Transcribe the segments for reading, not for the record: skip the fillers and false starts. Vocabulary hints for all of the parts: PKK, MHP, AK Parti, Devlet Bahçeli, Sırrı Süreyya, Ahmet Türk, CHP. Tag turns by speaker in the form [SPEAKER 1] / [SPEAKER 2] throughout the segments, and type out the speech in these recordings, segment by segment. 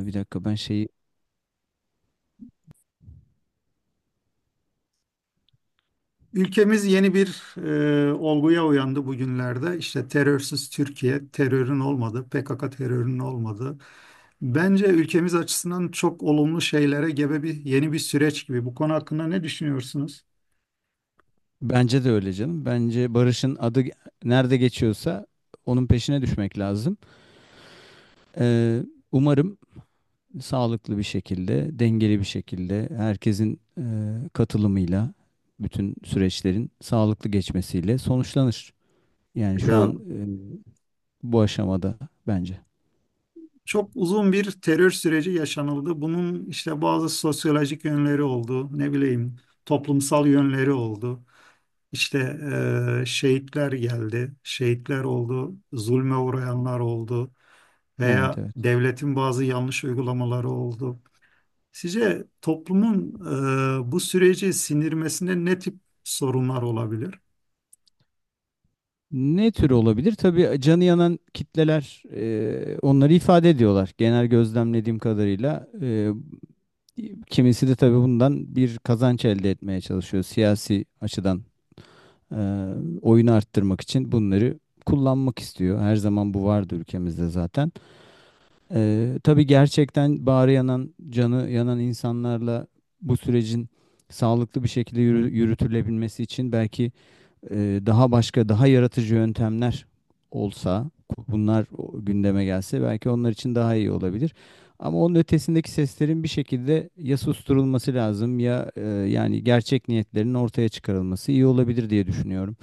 [SPEAKER 1] Bir dakika ben şeyi
[SPEAKER 2] Ülkemiz yeni bir olguya uyandı bugünlerde. İşte terörsüz Türkiye, terörün olmadı, PKK terörünün olmadı. Bence ülkemiz açısından çok olumlu şeylere gebe bir yeni bir süreç gibi. Bu konu hakkında ne düşünüyorsunuz?
[SPEAKER 1] bence de öyle canım. Bence Barış'ın adı nerede geçiyorsa onun peşine düşmek lazım. Ee, umarım sağlıklı bir şekilde, dengeli bir şekilde herkesin katılımıyla bütün süreçlerin sağlıklı geçmesiyle sonuçlanır. Yani şu
[SPEAKER 2] Ya,
[SPEAKER 1] an bu aşamada bence.
[SPEAKER 2] Çok uzun bir terör süreci yaşanıldı. Bunun işte bazı sosyolojik yönleri oldu, ne bileyim toplumsal yönleri oldu. İşte şehitler geldi, şehitler oldu, zulme uğrayanlar oldu veya
[SPEAKER 1] Evet, evet.
[SPEAKER 2] devletin bazı yanlış uygulamaları oldu. Sizce toplumun bu süreci sindirmesinde ne tip sorunlar olabilir?
[SPEAKER 1] Ne tür olabilir? Tabii canı yanan kitleler onları ifade ediyorlar. Genel gözlemlediğim kadarıyla, kimisi de tabii bundan bir kazanç elde etmeye çalışıyor. Siyasi açıdan e, oyunu arttırmak için bunları kullanmak istiyor. Her zaman bu vardı ülkemizde zaten. Tabii gerçekten bağrı yanan, canı yanan insanlarla bu sürecin sağlıklı bir şekilde yürütülebilmesi için belki e, daha başka daha yaratıcı yöntemler olsa bunlar gündeme gelse belki onlar için daha iyi olabilir. Ama onun ötesindeki seslerin bir şekilde ya susturulması lazım ya yani gerçek niyetlerinin ortaya çıkarılması iyi olabilir diye düşünüyorum.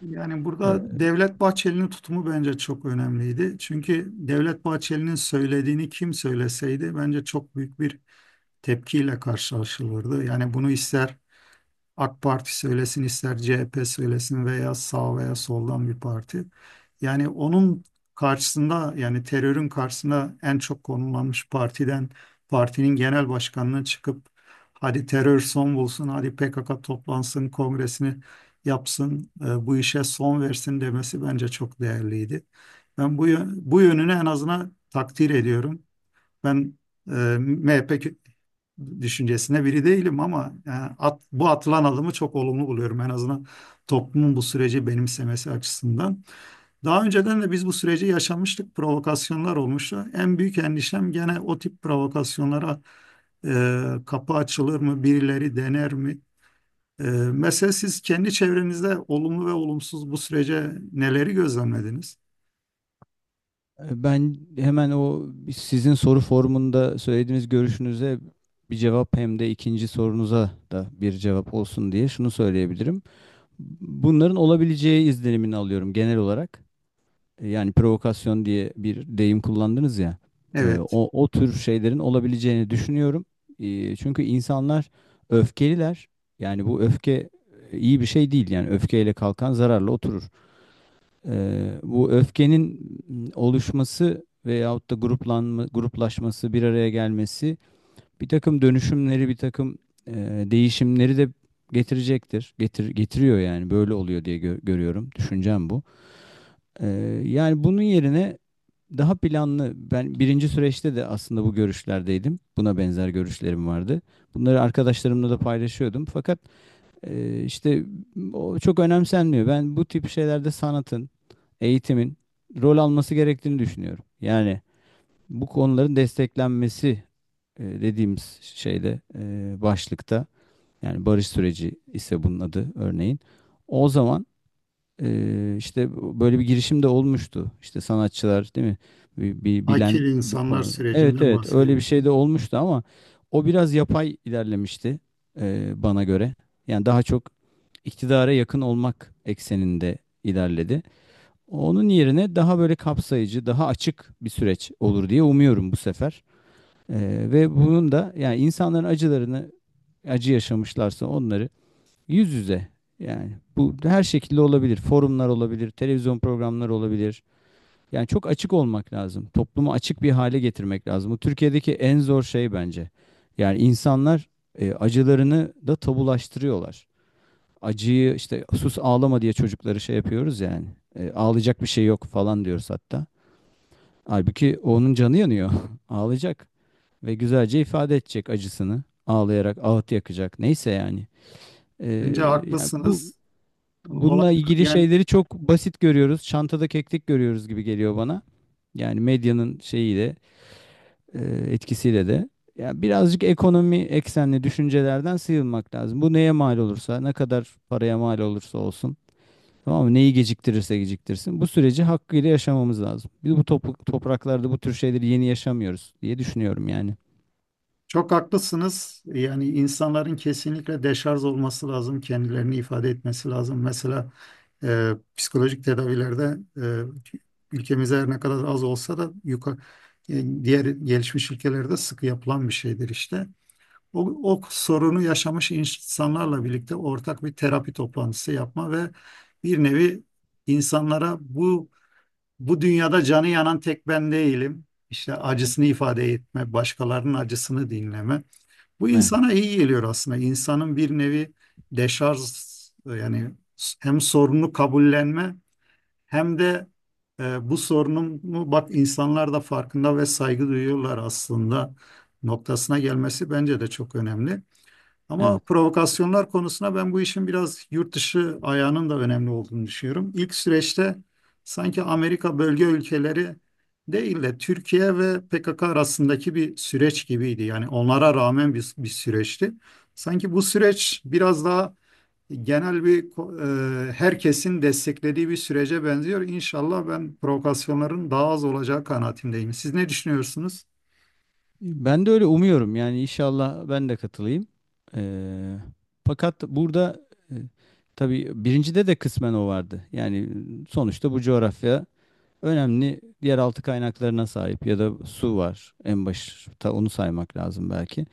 [SPEAKER 2] Yani
[SPEAKER 1] E,
[SPEAKER 2] burada Devlet Bahçeli'nin tutumu bence çok önemliydi. Çünkü Devlet Bahçeli'nin söylediğini kim söyleseydi bence çok büyük bir tepkiyle karşılaşılırdı. Yani bunu ister AK Parti söylesin ister CHP söylesin veya sağ veya soldan bir parti. Yani onun karşısında, yani terörün karşısında, en çok konumlanmış partiden, partinin genel başkanına çıkıp hadi terör son bulsun, hadi PKK toplansın, kongresini yapsın, bu işe son versin demesi bence çok değerliydi. Ben bu, bu yönünü en azından takdir ediyorum. Ben e, MHP düşüncesine biri değilim, ama yani bu atılan adımı çok olumlu buluyorum. En azından toplumun bu süreci benimsemesi açısından. Daha önceden de biz bu süreci yaşamıştık. Provokasyonlar olmuştu. En büyük endişem gene o tip provokasyonlara kapı açılır mı, birileri dener mi? Ee, Mesela siz kendi çevrenizde olumlu ve olumsuz bu sürece neleri gözlemlediniz?
[SPEAKER 1] ben hemen o sizin soru formunda söylediğiniz görüşünüze bir cevap hem de ikinci sorunuza da bir cevap olsun diye şunu söyleyebilirim. Bunların olabileceği izlenimini alıyorum genel olarak. Yani provokasyon diye bir deyim kullandınız ya. E,
[SPEAKER 2] Evet,
[SPEAKER 1] o, o tür şeylerin olabileceğini düşünüyorum. Çünkü insanlar öfkeliler. Yani bu öfke iyi bir şey değil. Yani öfkeyle kalkan zararla oturur. Bu öfkenin oluşması veyahut da gruplanma, gruplaşması, bir araya gelmesi bir takım dönüşümleri, bir takım e, değişimleri de getirecektir. Getiriyor yani böyle oluyor diye görüyorum. Düşüncem bu. Ee, yani bunun yerine daha planlı ben birinci süreçte de aslında bu görüşlerdeydim. Buna benzer görüşlerim vardı. Bunları arkadaşlarımla da paylaşıyordum. Fakat işte o çok önemsenmiyor. Ben bu tip şeylerde sanatın, eğitimin rol alması gerektiğini düşünüyorum. Yani bu konuların desteklenmesi dediğimiz şeyde başlıkta yani barış süreci ise bunun adı örneğin. O zaman işte böyle bir girişim de olmuştu. İşte sanatçılar değil mi? Bir
[SPEAKER 2] akil
[SPEAKER 1] bilen bu
[SPEAKER 2] insanlar
[SPEAKER 1] konuda. Evet,
[SPEAKER 2] sürecinden
[SPEAKER 1] evet, öyle bir şey
[SPEAKER 2] bahsediyorsunuz.
[SPEAKER 1] de olmuştu ama o biraz yapay ilerlemişti, bana göre. Yani daha çok iktidara yakın olmak ekseninde ilerledi. Onun yerine daha böyle kapsayıcı, daha açık bir süreç olur diye umuyorum bu sefer. Ve bunun da yani insanların acılarını acı yaşamışlarsa onları yüz yüze. Yani bu her şekilde olabilir. Forumlar olabilir, televizyon programları olabilir. Yani çok açık olmak lazım. Toplumu açık bir hale getirmek lazım. Bu Türkiye'deki en zor şey bence. Yani insanlar acılarını da tabulaştırıyorlar. Acıyı işte sus ağlama diye çocukları şey yapıyoruz yani. Ağlayacak bir şey yok falan diyoruz hatta. Halbuki onun canı yanıyor. Ağlayacak ve güzelce ifade edecek acısını. Ağlayarak ağıt yakacak. Neyse yani. E,
[SPEAKER 2] Bence
[SPEAKER 1] yani bu
[SPEAKER 2] haklısınız. Olay
[SPEAKER 1] Bununla ilgili
[SPEAKER 2] yani.
[SPEAKER 1] şeyleri çok basit görüyoruz. Çantada keklik görüyoruz gibi geliyor bana. Yani medyanın şeyiyle, etkisiyle de. Ya birazcık ekonomi eksenli düşüncelerden sıyrılmak lazım. Bu neye mal olursa, ne kadar paraya mal olursa olsun. Tamam mı? Neyi geciktirirse geciktirsin. Bu süreci hakkıyla yaşamamız lazım. Biz bu topraklarda bu tür şeyleri yeni yaşamıyoruz diye düşünüyorum yani.
[SPEAKER 2] Çok haklısınız. Yani insanların kesinlikle deşarj olması lazım, kendilerini ifade etmesi lazım. Mesela psikolojik tedavilerde, ülkemizde her ne kadar az olsa da yukarı, diğer gelişmiş ülkelerde sıkı yapılan bir şeydir işte. O, o sorunu yaşamış insanlarla birlikte ortak bir terapi toplantısı yapma ve bir nevi insanlara bu, bu dünyada canı yanan tek ben değilim. İşte acısını ifade etme, başkalarının acısını dinleme. Bu
[SPEAKER 1] Evet.
[SPEAKER 2] insana iyi geliyor aslında. İnsanın bir nevi deşarj, yani hem sorunu kabullenme, hem de bu sorunumu bak insanlar da farkında ve saygı duyuyorlar aslında noktasına gelmesi bence de çok önemli. Ama
[SPEAKER 1] Evet.
[SPEAKER 2] provokasyonlar konusuna, ben bu işin biraz yurt dışı ayağının da önemli olduğunu düşünüyorum. İlk süreçte sanki Amerika bölge ülkeleri değil de Türkiye ve PKK arasındaki bir süreç gibiydi. Yani onlara rağmen bir süreçti. Sanki bu süreç biraz daha genel bir herkesin desteklediği bir sürece benziyor. İnşallah ben provokasyonların daha az olacağı kanaatindeyim. Siz ne düşünüyorsunuz?
[SPEAKER 1] Ben de öyle umuyorum. Yani inşallah ben de katılayım. Eee, fakat burada e, tabii birincide de kısmen o vardı. Yani sonuçta bu coğrafya önemli yeraltı kaynaklarına sahip ya da su var. En başta onu saymak lazım belki.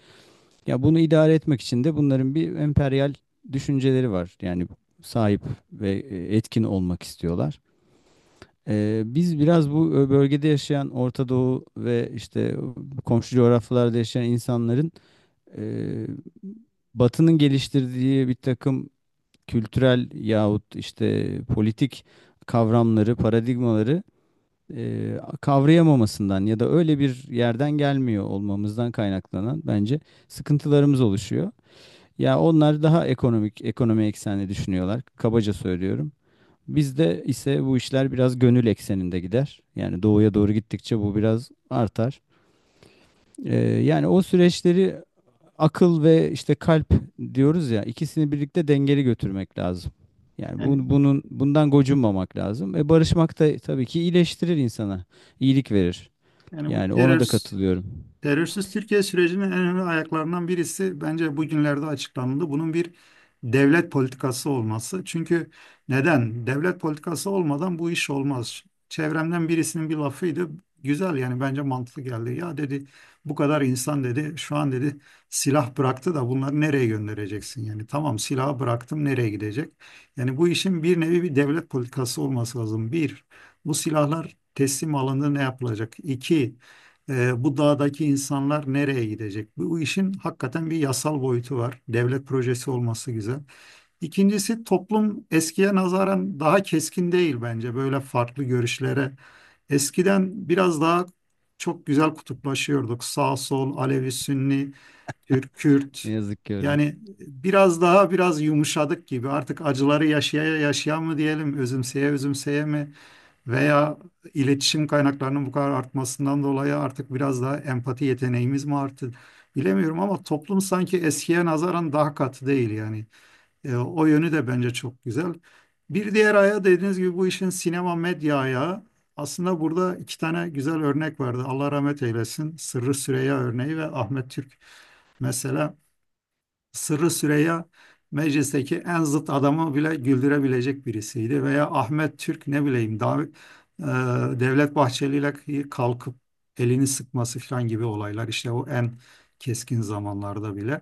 [SPEAKER 1] Ya bunu idare etmek için de bunların bir emperyal düşünceleri var. Yani sahip ve etkin olmak istiyorlar. Biz biraz bu bölgede yaşayan Orta Doğu ve işte komşu coğrafyalarda yaşayan insanların e, Batı'nın geliştirdiği bir takım kültürel yahut işte politik kavramları, paradigmaları kavrayamamasından ya da öyle bir yerden gelmiyor olmamızdan kaynaklanan bence sıkıntılarımız oluşuyor. Ya onlar daha ekonomik, ekonomi eksenli düşünüyorlar. Kabaca söylüyorum. Bizde ise bu işler biraz gönül ekseninde gider. Yani doğuya doğru gittikçe bu biraz artar. Yani o süreçleri akıl ve işte kalp diyoruz ya ikisini birlikte dengeli götürmek lazım. Yani
[SPEAKER 2] Yani
[SPEAKER 1] bunun bundan gocunmamak lazım. Barışmak da tabii ki iyileştirir insana, iyilik verir.
[SPEAKER 2] yani bu
[SPEAKER 1] Yani ona
[SPEAKER 2] terör
[SPEAKER 1] da katılıyorum.
[SPEAKER 2] Terörsüz Türkiye sürecinin en önemli ayaklarından birisi bence bugünlerde açıklandı. Bunun bir devlet politikası olması. Çünkü neden? Devlet politikası olmadan bu iş olmaz. Çevremden birisinin bir lafıydı. Güzel, yani bence mantıklı geldi. Ya dedi, bu kadar insan dedi, şu an dedi silah bıraktı da bunları nereye göndereceksin? Yani tamam, silahı bıraktım, nereye gidecek? Yani bu işin bir nevi bir devlet politikası olması lazım. Bir, bu silahlar teslim alındı, ne yapılacak? İki, bu dağdaki insanlar nereye gidecek? Bu işin hakikaten bir yasal boyutu var. Devlet projesi olması güzel. İkincisi, toplum eskiye nazaran daha keskin değil bence böyle farklı görüşlere. Eskiden biraz daha çok güzel kutuplaşıyorduk. Sağ sol, Alevi, Sünni, Türk, Kürt.
[SPEAKER 1] Ne yazık ki öyle.
[SPEAKER 2] Yani biraz daha biraz yumuşadık gibi. Artık acıları yaşaya yaşaya mı diyelim, özümseye özümseye mi? Veya iletişim kaynaklarının bu kadar artmasından dolayı artık biraz daha empati yeteneğimiz mi arttı bilemiyorum, ama toplum sanki eskiye nazaran daha katı değil yani. O yönü de bence çok güzel. Bir diğer ayağı, dediğiniz gibi, bu işin sinema medya ayağı. Aslında burada iki tane güzel örnek vardı. Allah rahmet eylesin. Sırrı Süreyya örneği ve Ahmet Türk. Mesela Sırrı Süreyya meclisteki en zıt adamı bile güldürebilecek birisiydi. Veya Ahmet Türk, ne bileyim, daha Devlet Bahçeli ile kalkıp elini sıkması falan gibi olaylar, işte o en keskin zamanlarda bile.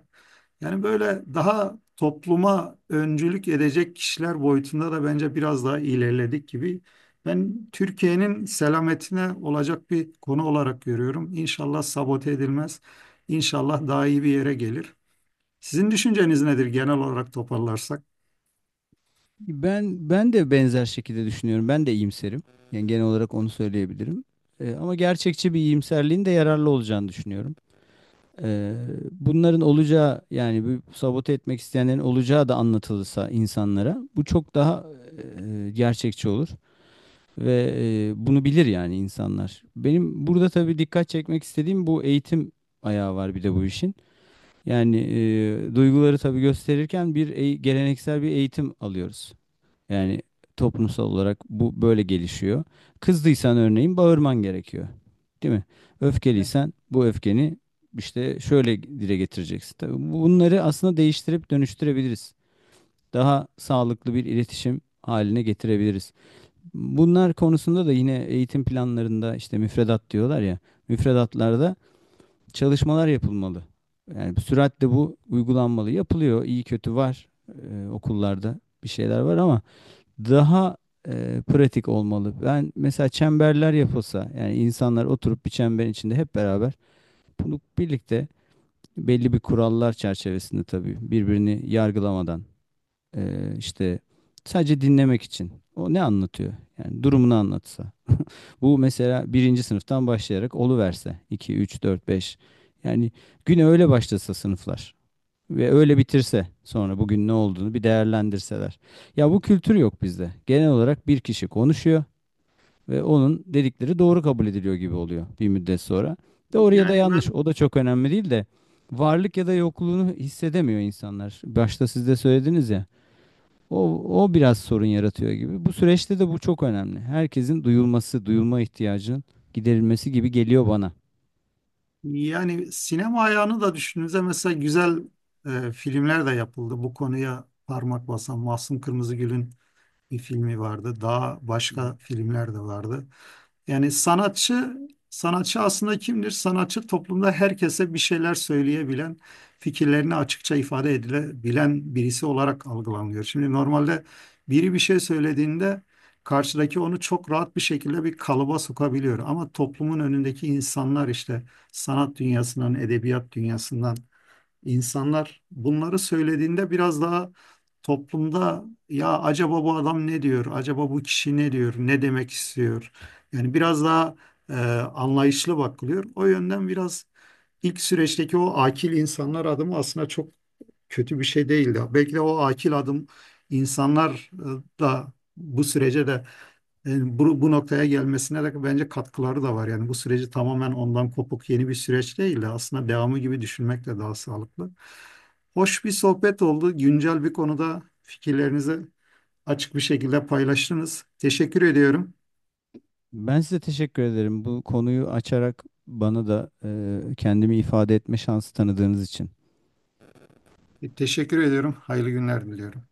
[SPEAKER 2] Yani böyle daha topluma öncülük edecek kişiler boyutunda da bence biraz daha ilerledik gibi. Ben Türkiye'nin selametine olacak bir konu olarak görüyorum. İnşallah sabote edilmez. İnşallah daha iyi bir yere gelir. Sizin düşünceniz nedir, genel olarak toparlarsak?
[SPEAKER 1] Ben de benzer şekilde düşünüyorum. Ben de iyimserim. Yani genel olarak onu söyleyebilirim. Ama gerçekçi bir iyimserliğin de yararlı olacağını düşünüyorum. Eee, bunların olacağı yani bu sabote etmek isteyenlerin olacağı da anlatılırsa insanlara bu çok daha gerçekçi olur ve bunu bilir yani insanlar. Benim burada tabii dikkat çekmek istediğim bu eğitim ayağı var bir de bu işin. Yani duyguları tabii gösterirken bir geleneksel bir eğitim alıyoruz. Yani toplumsal olarak bu böyle gelişiyor. Kızdıysan örneğin bağırman gerekiyor. Değil mi?
[SPEAKER 2] Evet.
[SPEAKER 1] Öfkeliysen bu öfkeni işte şöyle dile getireceksin. Tabii bunları aslında değiştirip dönüştürebiliriz. Daha sağlıklı bir iletişim haline getirebiliriz. Bunlar konusunda da yine eğitim planlarında işte müfredat diyorlar ya, müfredatlarda çalışmalar yapılmalı. Yani süratle bu uygulanmalı. Yapılıyor, iyi kötü var. Okullarda bir şeyler var ama daha pratik olmalı. Ben mesela çemberler yapılsa yani insanlar oturup bir çemberin içinde hep beraber bunu birlikte belli bir kurallar çerçevesinde tabii birbirini yargılamadan işte sadece dinlemek için o ne anlatıyor? Yani durumunu anlatsa. Bu mesela birinci sınıftan başlayarak oluverse 2 3 4 5 yani güne öyle başlasa sınıflar. Ve öyle bitirse sonra bugün ne olduğunu bir değerlendirseler. Ya bu kültür yok bizde. Genel olarak bir kişi konuşuyor ve onun dedikleri doğru kabul ediliyor gibi oluyor bir müddet sonra. Doğru ya da
[SPEAKER 2] Yani
[SPEAKER 1] yanlış
[SPEAKER 2] ben,
[SPEAKER 1] o da çok önemli değil de varlık ya da yokluğunu hissedemiyor insanlar. Başta siz de söylediniz ya. O biraz sorun yaratıyor gibi. Bu süreçte de bu çok önemli. Herkesin duyulması, duyulma ihtiyacının giderilmesi gibi geliyor bana.
[SPEAKER 2] yani sinema ayağını da düşündüğünüzde mesela güzel filmler de yapıldı. Bu konuya parmak basan Mahsun Kırmızıgül'ün bir filmi vardı. Daha
[SPEAKER 1] Hı, hı.
[SPEAKER 2] başka filmler de vardı. Yani sanatçı, sanatçı aslında kimdir? Sanatçı toplumda herkese bir şeyler söyleyebilen, fikirlerini açıkça ifade edilebilen birisi olarak algılanıyor. Şimdi normalde biri bir şey söylediğinde karşıdaki onu çok rahat bir şekilde bir kalıba sokabiliyor. Ama toplumun önündeki insanlar, işte sanat dünyasından, edebiyat dünyasından İnsanlar bunları söylediğinde biraz daha toplumda ya acaba bu adam ne diyor, acaba bu kişi ne diyor, ne demek istiyor? Yani biraz daha e, anlayışlı bakılıyor. O yönden biraz ilk süreçteki o akil insanlar adımı aslında çok kötü bir şey değildi. Belki de o akil adım insanlar da bu sürece de bu noktaya gelmesine de bence katkıları da var. Yani bu süreci tamamen ondan kopuk yeni bir süreç değil de aslında devamı gibi düşünmek de daha sağlıklı. Hoş bir sohbet oldu. Güncel bir konuda fikirlerinizi açık bir şekilde paylaştınız. Teşekkür ediyorum.
[SPEAKER 1] Ben size teşekkür ederim. Bu konuyu açarak bana da kendimi ifade etme şansı tanıdığınız için.
[SPEAKER 2] Teşekkür ediyorum. Hayırlı günler diliyorum.